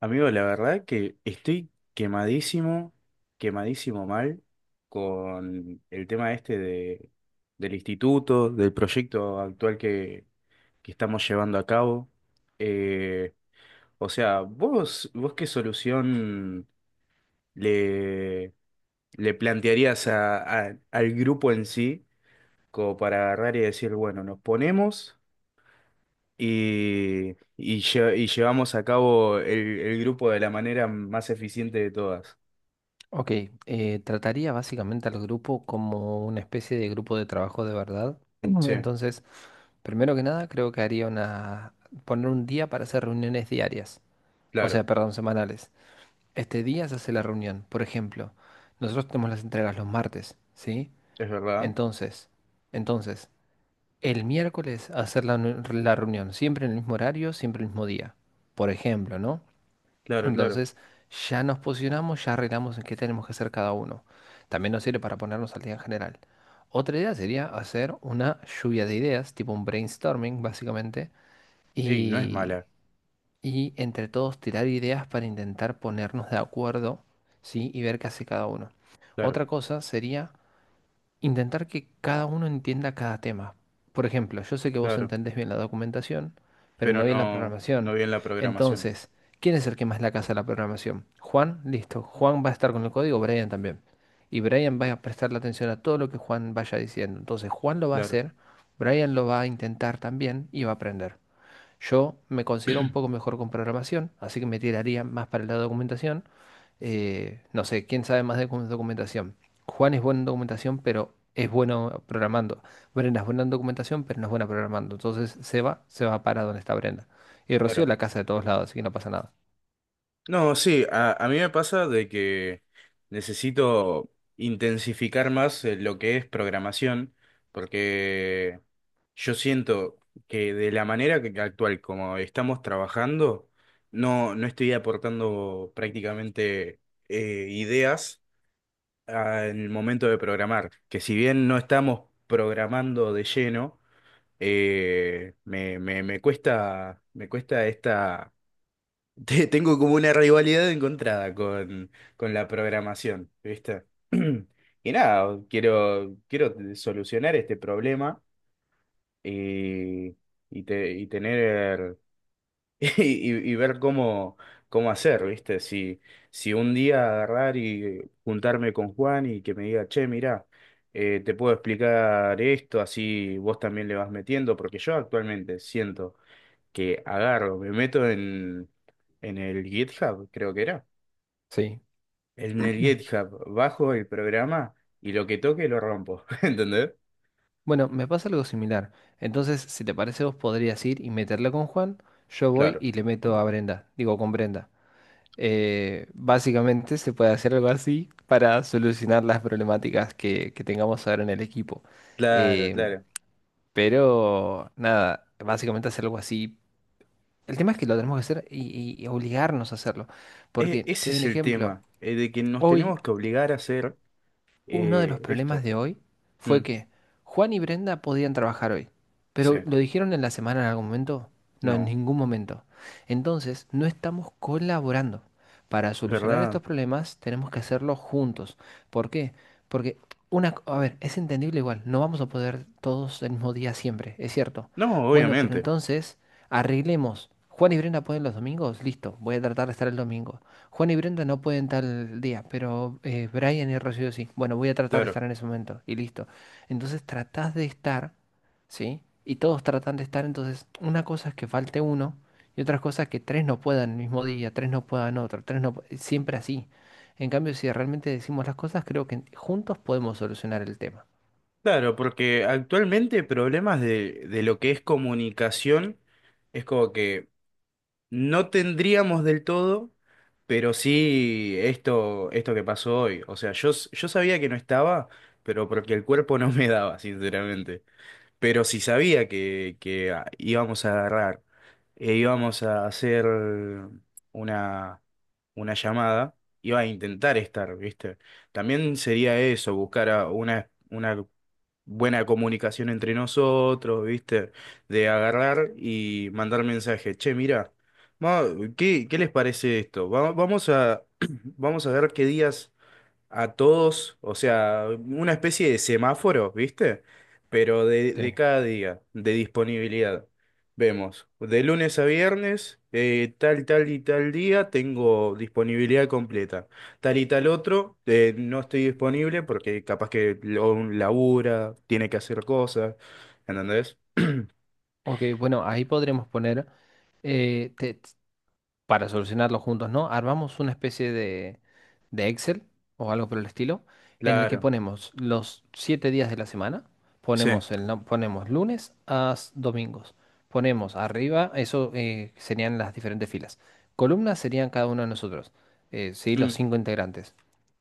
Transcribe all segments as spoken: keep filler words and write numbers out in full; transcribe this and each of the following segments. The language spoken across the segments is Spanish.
Amigo, la verdad que estoy quemadísimo, quemadísimo mal con el tema este de, del instituto, del proyecto actual que, que estamos llevando a cabo. Eh, o sea, ¿vos, vos qué solución le, le plantearías a- a- al grupo en sí como para agarrar y decir, bueno, nos ponemos y, y, lle- y llevamos a cabo el el grupo de la manera más eficiente de todas? Ok, eh, trataría básicamente al grupo como una especie de grupo de trabajo de verdad. Sí, Entonces, primero que nada, creo que haría una... poner un día para hacer reuniones diarias, o claro, sea, perdón, semanales. Este día se hace la reunión. Por ejemplo, nosotros tenemos las entregas los martes, ¿sí? es verdad. Entonces, entonces, el miércoles hacer la, nu- la reunión, siempre en el mismo horario, siempre el mismo día. Por ejemplo, ¿no? Claro, claro. Entonces, ya nos posicionamos, ya arreglamos en qué tenemos que hacer cada uno. También nos sirve para ponernos al día en general. Otra idea sería hacer una lluvia de ideas, tipo un brainstorming, básicamente, Ey, no es y, mala. y entre todos tirar ideas para intentar ponernos de acuerdo, ¿sí? Y ver qué hace cada uno. Claro, Otra cosa sería intentar que cada uno entienda cada tema. Por ejemplo, yo sé que vos claro. entendés bien la documentación, pero Pero no bien la no, no programación. bien la programación. Entonces, ¿quién es el que más la casa de la programación? Juan, listo. Juan va a estar con el código, Brian también. Y Brian va a prestarle atención a todo lo que Juan vaya diciendo. Entonces, Juan lo va a Claro, hacer, Brian lo va a intentar también y va a aprender. Yo me considero un poco mejor con programación, así que me tiraría más para el lado de documentación. Eh, no sé, ¿quién sabe más de docu- documentación? Juan es bueno en documentación, pero es bueno programando. Brenda es buena en documentación, pero no es buena programando. Entonces se va, se va para donde está Brenda. Y Rocío claro. la casa de todos lados, así que no pasa nada. No, sí, a, a mí me pasa de que necesito intensificar más eh, lo que es programación, porque yo siento que de la manera que- actual como estamos trabajando, no, no estoy aportando prácticamente eh, ideas al momento de programar, que si bien no estamos programando de lleno, eh, me, me- me cuesta, me cuesta esta, te- tengo como una rivalidad encontrada con, con la programación, ¿viste? Y nada, quiero, quiero solucionar este problema y, y, te- y tener y, y ver cómo, cómo hacer, ¿viste? Si, si un día agarrar y juntarme con Juan y que me diga, che, mirá, eh, te puedo explicar esto, así vos también le vas metiendo, porque yo actualmente siento que agarro, me meto en, en el GitHub, creo que era. Sí. En el Mm. GitHub bajo el programa y lo que toque lo rompo, ¿entendés? Bueno, me pasa algo similar. Entonces, si te parece, vos podrías ir y meterla con Juan. Yo voy Claro, y le meto a Brenda. Digo, con Brenda. Eh, básicamente se puede hacer algo así para solucionar las problemáticas que, que tengamos ahora en el equipo. claro, Eh, claro. pero nada, básicamente hacer algo así. El tema es que lo tenemos que hacer y, y- y obligarnos a hacerlo. E- Porque te Ese doy un es el ejemplo. tema, eh, de que nos Hoy tenemos que obligar a hacer Uno de los eh, problemas esto. de hoy Mm. fue que Juan y Brenda podían trabajar hoy, Sí, pero ¿lo dijeron en la semana en algún momento? No, en no, ningún momento. Entonces, no estamos colaborando. Para solucionar ¿verdad? estos problemas tenemos que hacerlo juntos. ¿Por qué? Porque una, co- a ver, es entendible igual, no vamos a poder todos el mismo día siempre, es cierto. No, Bueno, pero obviamente, entonces arreglemos. Juan y Brenda pueden los domingos, listo, voy a tratar de estar el domingo. Juan y Brenda no pueden tal día, pero eh, Brian y Rocío sí. Bueno, voy a tratar de estar claro. en ese momento y listo. Entonces tratás de estar, ¿sí? Y todos tratan de estar, entonces una cosa es que falte uno y otra cosa es que tres no puedan el mismo día, tres no puedan otro, tres no... pu- siempre así. En cambio, si realmente decimos las cosas, creo que juntos podemos solucionar el tema. Claro, porque actualmente problemas de, de lo que es comunicación es como que no tendríamos del todo, pero sí esto, esto que pasó hoy. O sea, yo, s- yo sabía que no estaba, pero porque el cuerpo no me daba, sinceramente. Pero si sabía que, que ah, íbamos a agarrar, e íbamos a hacer una, una llamada, iba a intentar estar, ¿viste? También sería eso, buscar a una, una buena comunicación entre nosotros, ¿viste? De agarrar y mandar mensaje. Che, mira, ¿qué, qué les parece esto? Va- Vamos a, vamos a ver qué días a todos, o sea, una especie de semáforo, ¿viste? Pero de, de Sí. cada día, de disponibilidad. Vemos, de lunes a viernes, eh, tal, tal y tal día tengo disponibilidad completa. Tal y tal otro, eh, no estoy disponible porque capaz que lo- labura, tiene que hacer cosas, ¿entendés? Ok, bueno, ahí podremos poner... eh, te- para solucionarlo juntos, ¿no? Armamos una especie de, de Excel o algo por el estilo, en el que Claro, ponemos los siete días de la semana, sí, ponemos, el, no- ponemos lunes a s- domingos, ponemos arriba, eso eh, serían las diferentes filas. Columnas serían cada uno de nosotros, eh, ¿sí? Los mm, cinco integrantes.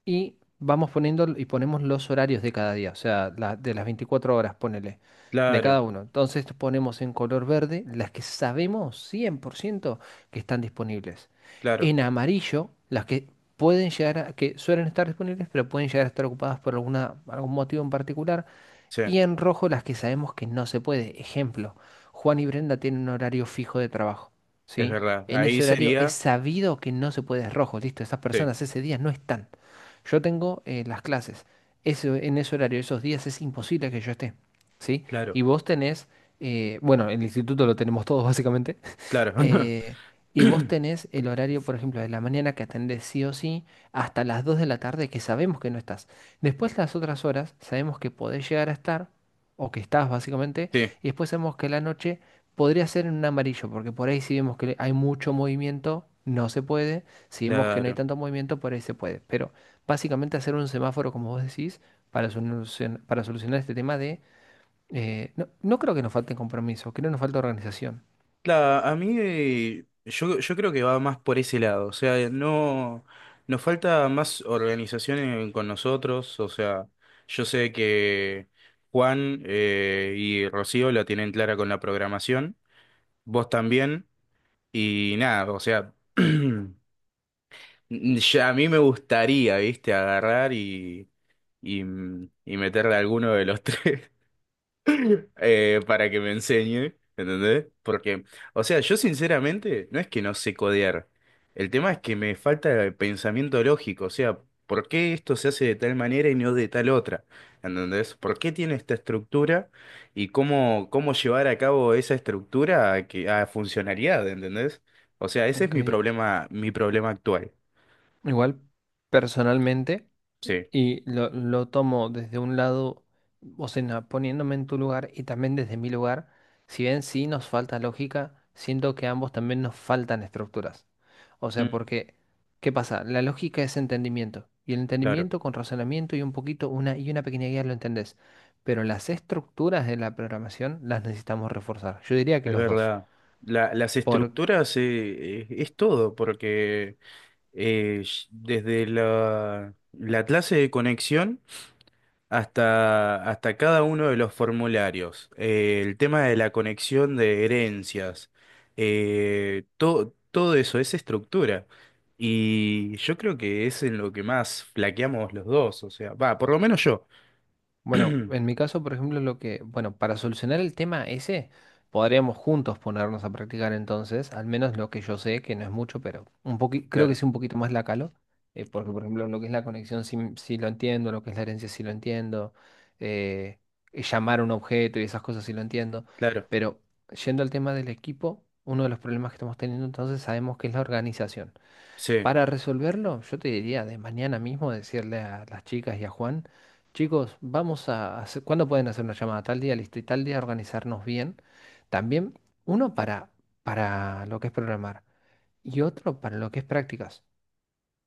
Y vamos poniendo y ponemos los horarios de cada día, o sea, la- de las veinticuatro horas, ponele, de claro, cada uno. Entonces ponemos en color verde las que sabemos cien por ciento que están disponibles. claro, En amarillo, las que pueden llegar a, que suelen estar disponibles, pero pueden llegar a estar ocupadas por alguna, algún motivo en particular. sí, es Y en rojo, las que sabemos que no se puede. Ejemplo, Juan y Brenda tienen un horario fijo de trabajo, ¿sí? verdad. En Ahí ese horario es sería, sabido que no se puede, es rojo, listo, esas sí, personas ese día no están. Yo tengo eh, las clases, ese- en ese horario, esos días es imposible que yo esté, ¿sí? Y claro, vos tenés, eh, bueno, el instituto lo tenemos todos básicamente, claro. eh, y vos tenés el horario, por ejemplo, de la mañana que atendés sí o sí, hasta las dos de la tarde que sabemos que no estás. Después las otras horas sabemos que podés llegar a estar, o que estás básicamente, Sí, y después sabemos que la noche podría ser en un amarillo, porque por ahí si vemos que hay mucho movimiento, no se puede. Si vemos que no hay claro. tanto movimiento, por ahí se puede. Pero básicamente hacer un semáforo, como vos decís, para solucion- para solucionar este tema de... eh, no, no creo que nos falte compromiso, creo que nos falta organización. Claro, a mí eh, yo, yo creo que va más por ese lado, o sea, eh, no nos falta más organización en- con nosotros, o sea, yo sé que Juan eh, y Rocío la tienen clara con la programación, vos también, y nada, o sea, ya a mí me gustaría, viste, agarrar y, y, y meterle a alguno de los tres. eh, para que me enseñe, ¿entendés? Porque, o sea, yo sinceramente no es que no sé codear. El tema es que me falta el pensamiento lógico, o sea, ¿por qué esto se hace de tal manera y no de tal otra? ¿Entendés? ¿Por qué tiene esta estructura y cómo, cómo llevar a cabo esa estructura a, que, a funcionalidad, ¿entendés? O sea, ese es Ok. mi problema, mi problema actual. Igual, personalmente, Sí, y lo, lo tomo desde un lado, o sea, na- poniéndome en tu lugar y también desde mi lugar, si bien sí nos falta lógica, siento que a ambos también nos faltan estructuras. O sea, mm, porque, ¿qué pasa? La lógica es entendimiento, y el claro, entendimiento con razonamiento y un poquito, una y una pequeña guía lo entendés, pero las estructuras de la programación las necesitamos reforzar. Yo diría que es los dos. verdad. La- las estructuras eh, es es todo, porque... eh, sh- desde la, la clase de conexión hasta, hasta cada uno de los formularios, eh, el tema de la conexión de herencias, eh, to- todo eso es estructura. Y yo creo que es en lo que más flaqueamos los dos, o sea, va, por lo menos yo. Bueno, en mi caso, por ejemplo, lo que, bueno, para solucionar el tema ese, podríamos juntos ponernos a practicar entonces, al menos lo que yo sé, que no es mucho, pero un poqui- creo que Claro, sí un poquito más la calo, eh, porque por ejemplo lo que es la conexión sí, m- sí lo entiendo, lo que es la herencia sí lo entiendo, eh, y llamar a un objeto y esas cosas sí lo entiendo, claro, pero yendo al tema del equipo, uno de los problemas que estamos teniendo entonces sabemos que es la organización. sí, Para resolverlo, yo te diría de mañana mismo decirle a las chicas y a Juan, chicos, vamos a hacer, ¿cuándo pueden hacer una llamada? Tal día, listo, y tal día organizarnos bien. También uno para, para lo que es programar y otro para lo que es prácticas.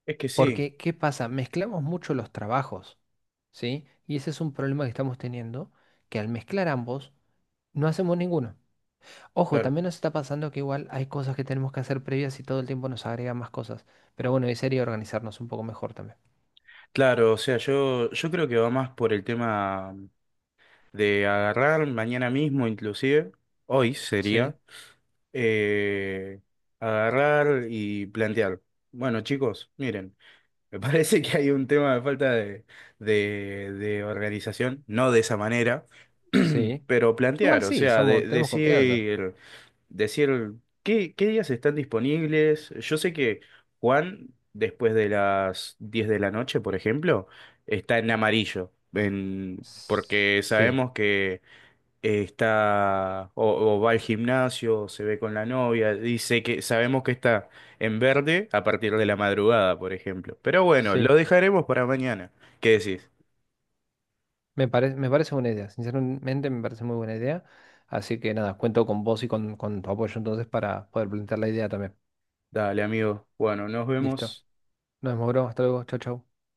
es que sí, Porque, ¿qué pasa? Mezclamos mucho los trabajos, ¿sí? Y ese es un problema que estamos teniendo, que al mezclar ambos, no hacemos ninguno. Ojo, claro. también nos está pasando que igual hay cosas que tenemos que hacer previas y todo el tiempo nos agregan más cosas. Pero bueno, y sería organizarnos un poco mejor también. Claro, o sea, yo, yo creo que va más por el tema de agarrar mañana mismo, inclusive, hoy Sí, sería, eh, agarrar y plantear. Bueno, chicos, miren, me parece que hay un tema de falta de, de, de organización, no de esa manera, sí. pero Igual plantear, o sí, sea, de- somos, tenemos confianza. decir, decir qué, qué días están disponibles. Yo sé que Juan, después de las diez de la noche, por ejemplo, está en amarillo, en, S- porque Sí, sabemos que eh, está o, o va al gimnasio, o se ve con la novia, dice que sabemos que está en verde a partir de la madrugada, por ejemplo. Pero bueno, lo sí. dejaremos para mañana. ¿Qué decís? Me parece, me parece buena idea. Sinceramente me parece muy buena idea. Así que nada, cuento con vos y con, con tu apoyo entonces para poder plantear la idea también. Dale, amigo. Bueno, nos Listo. vemos. Nos vemos, bro. Hasta luego. Chau, chau.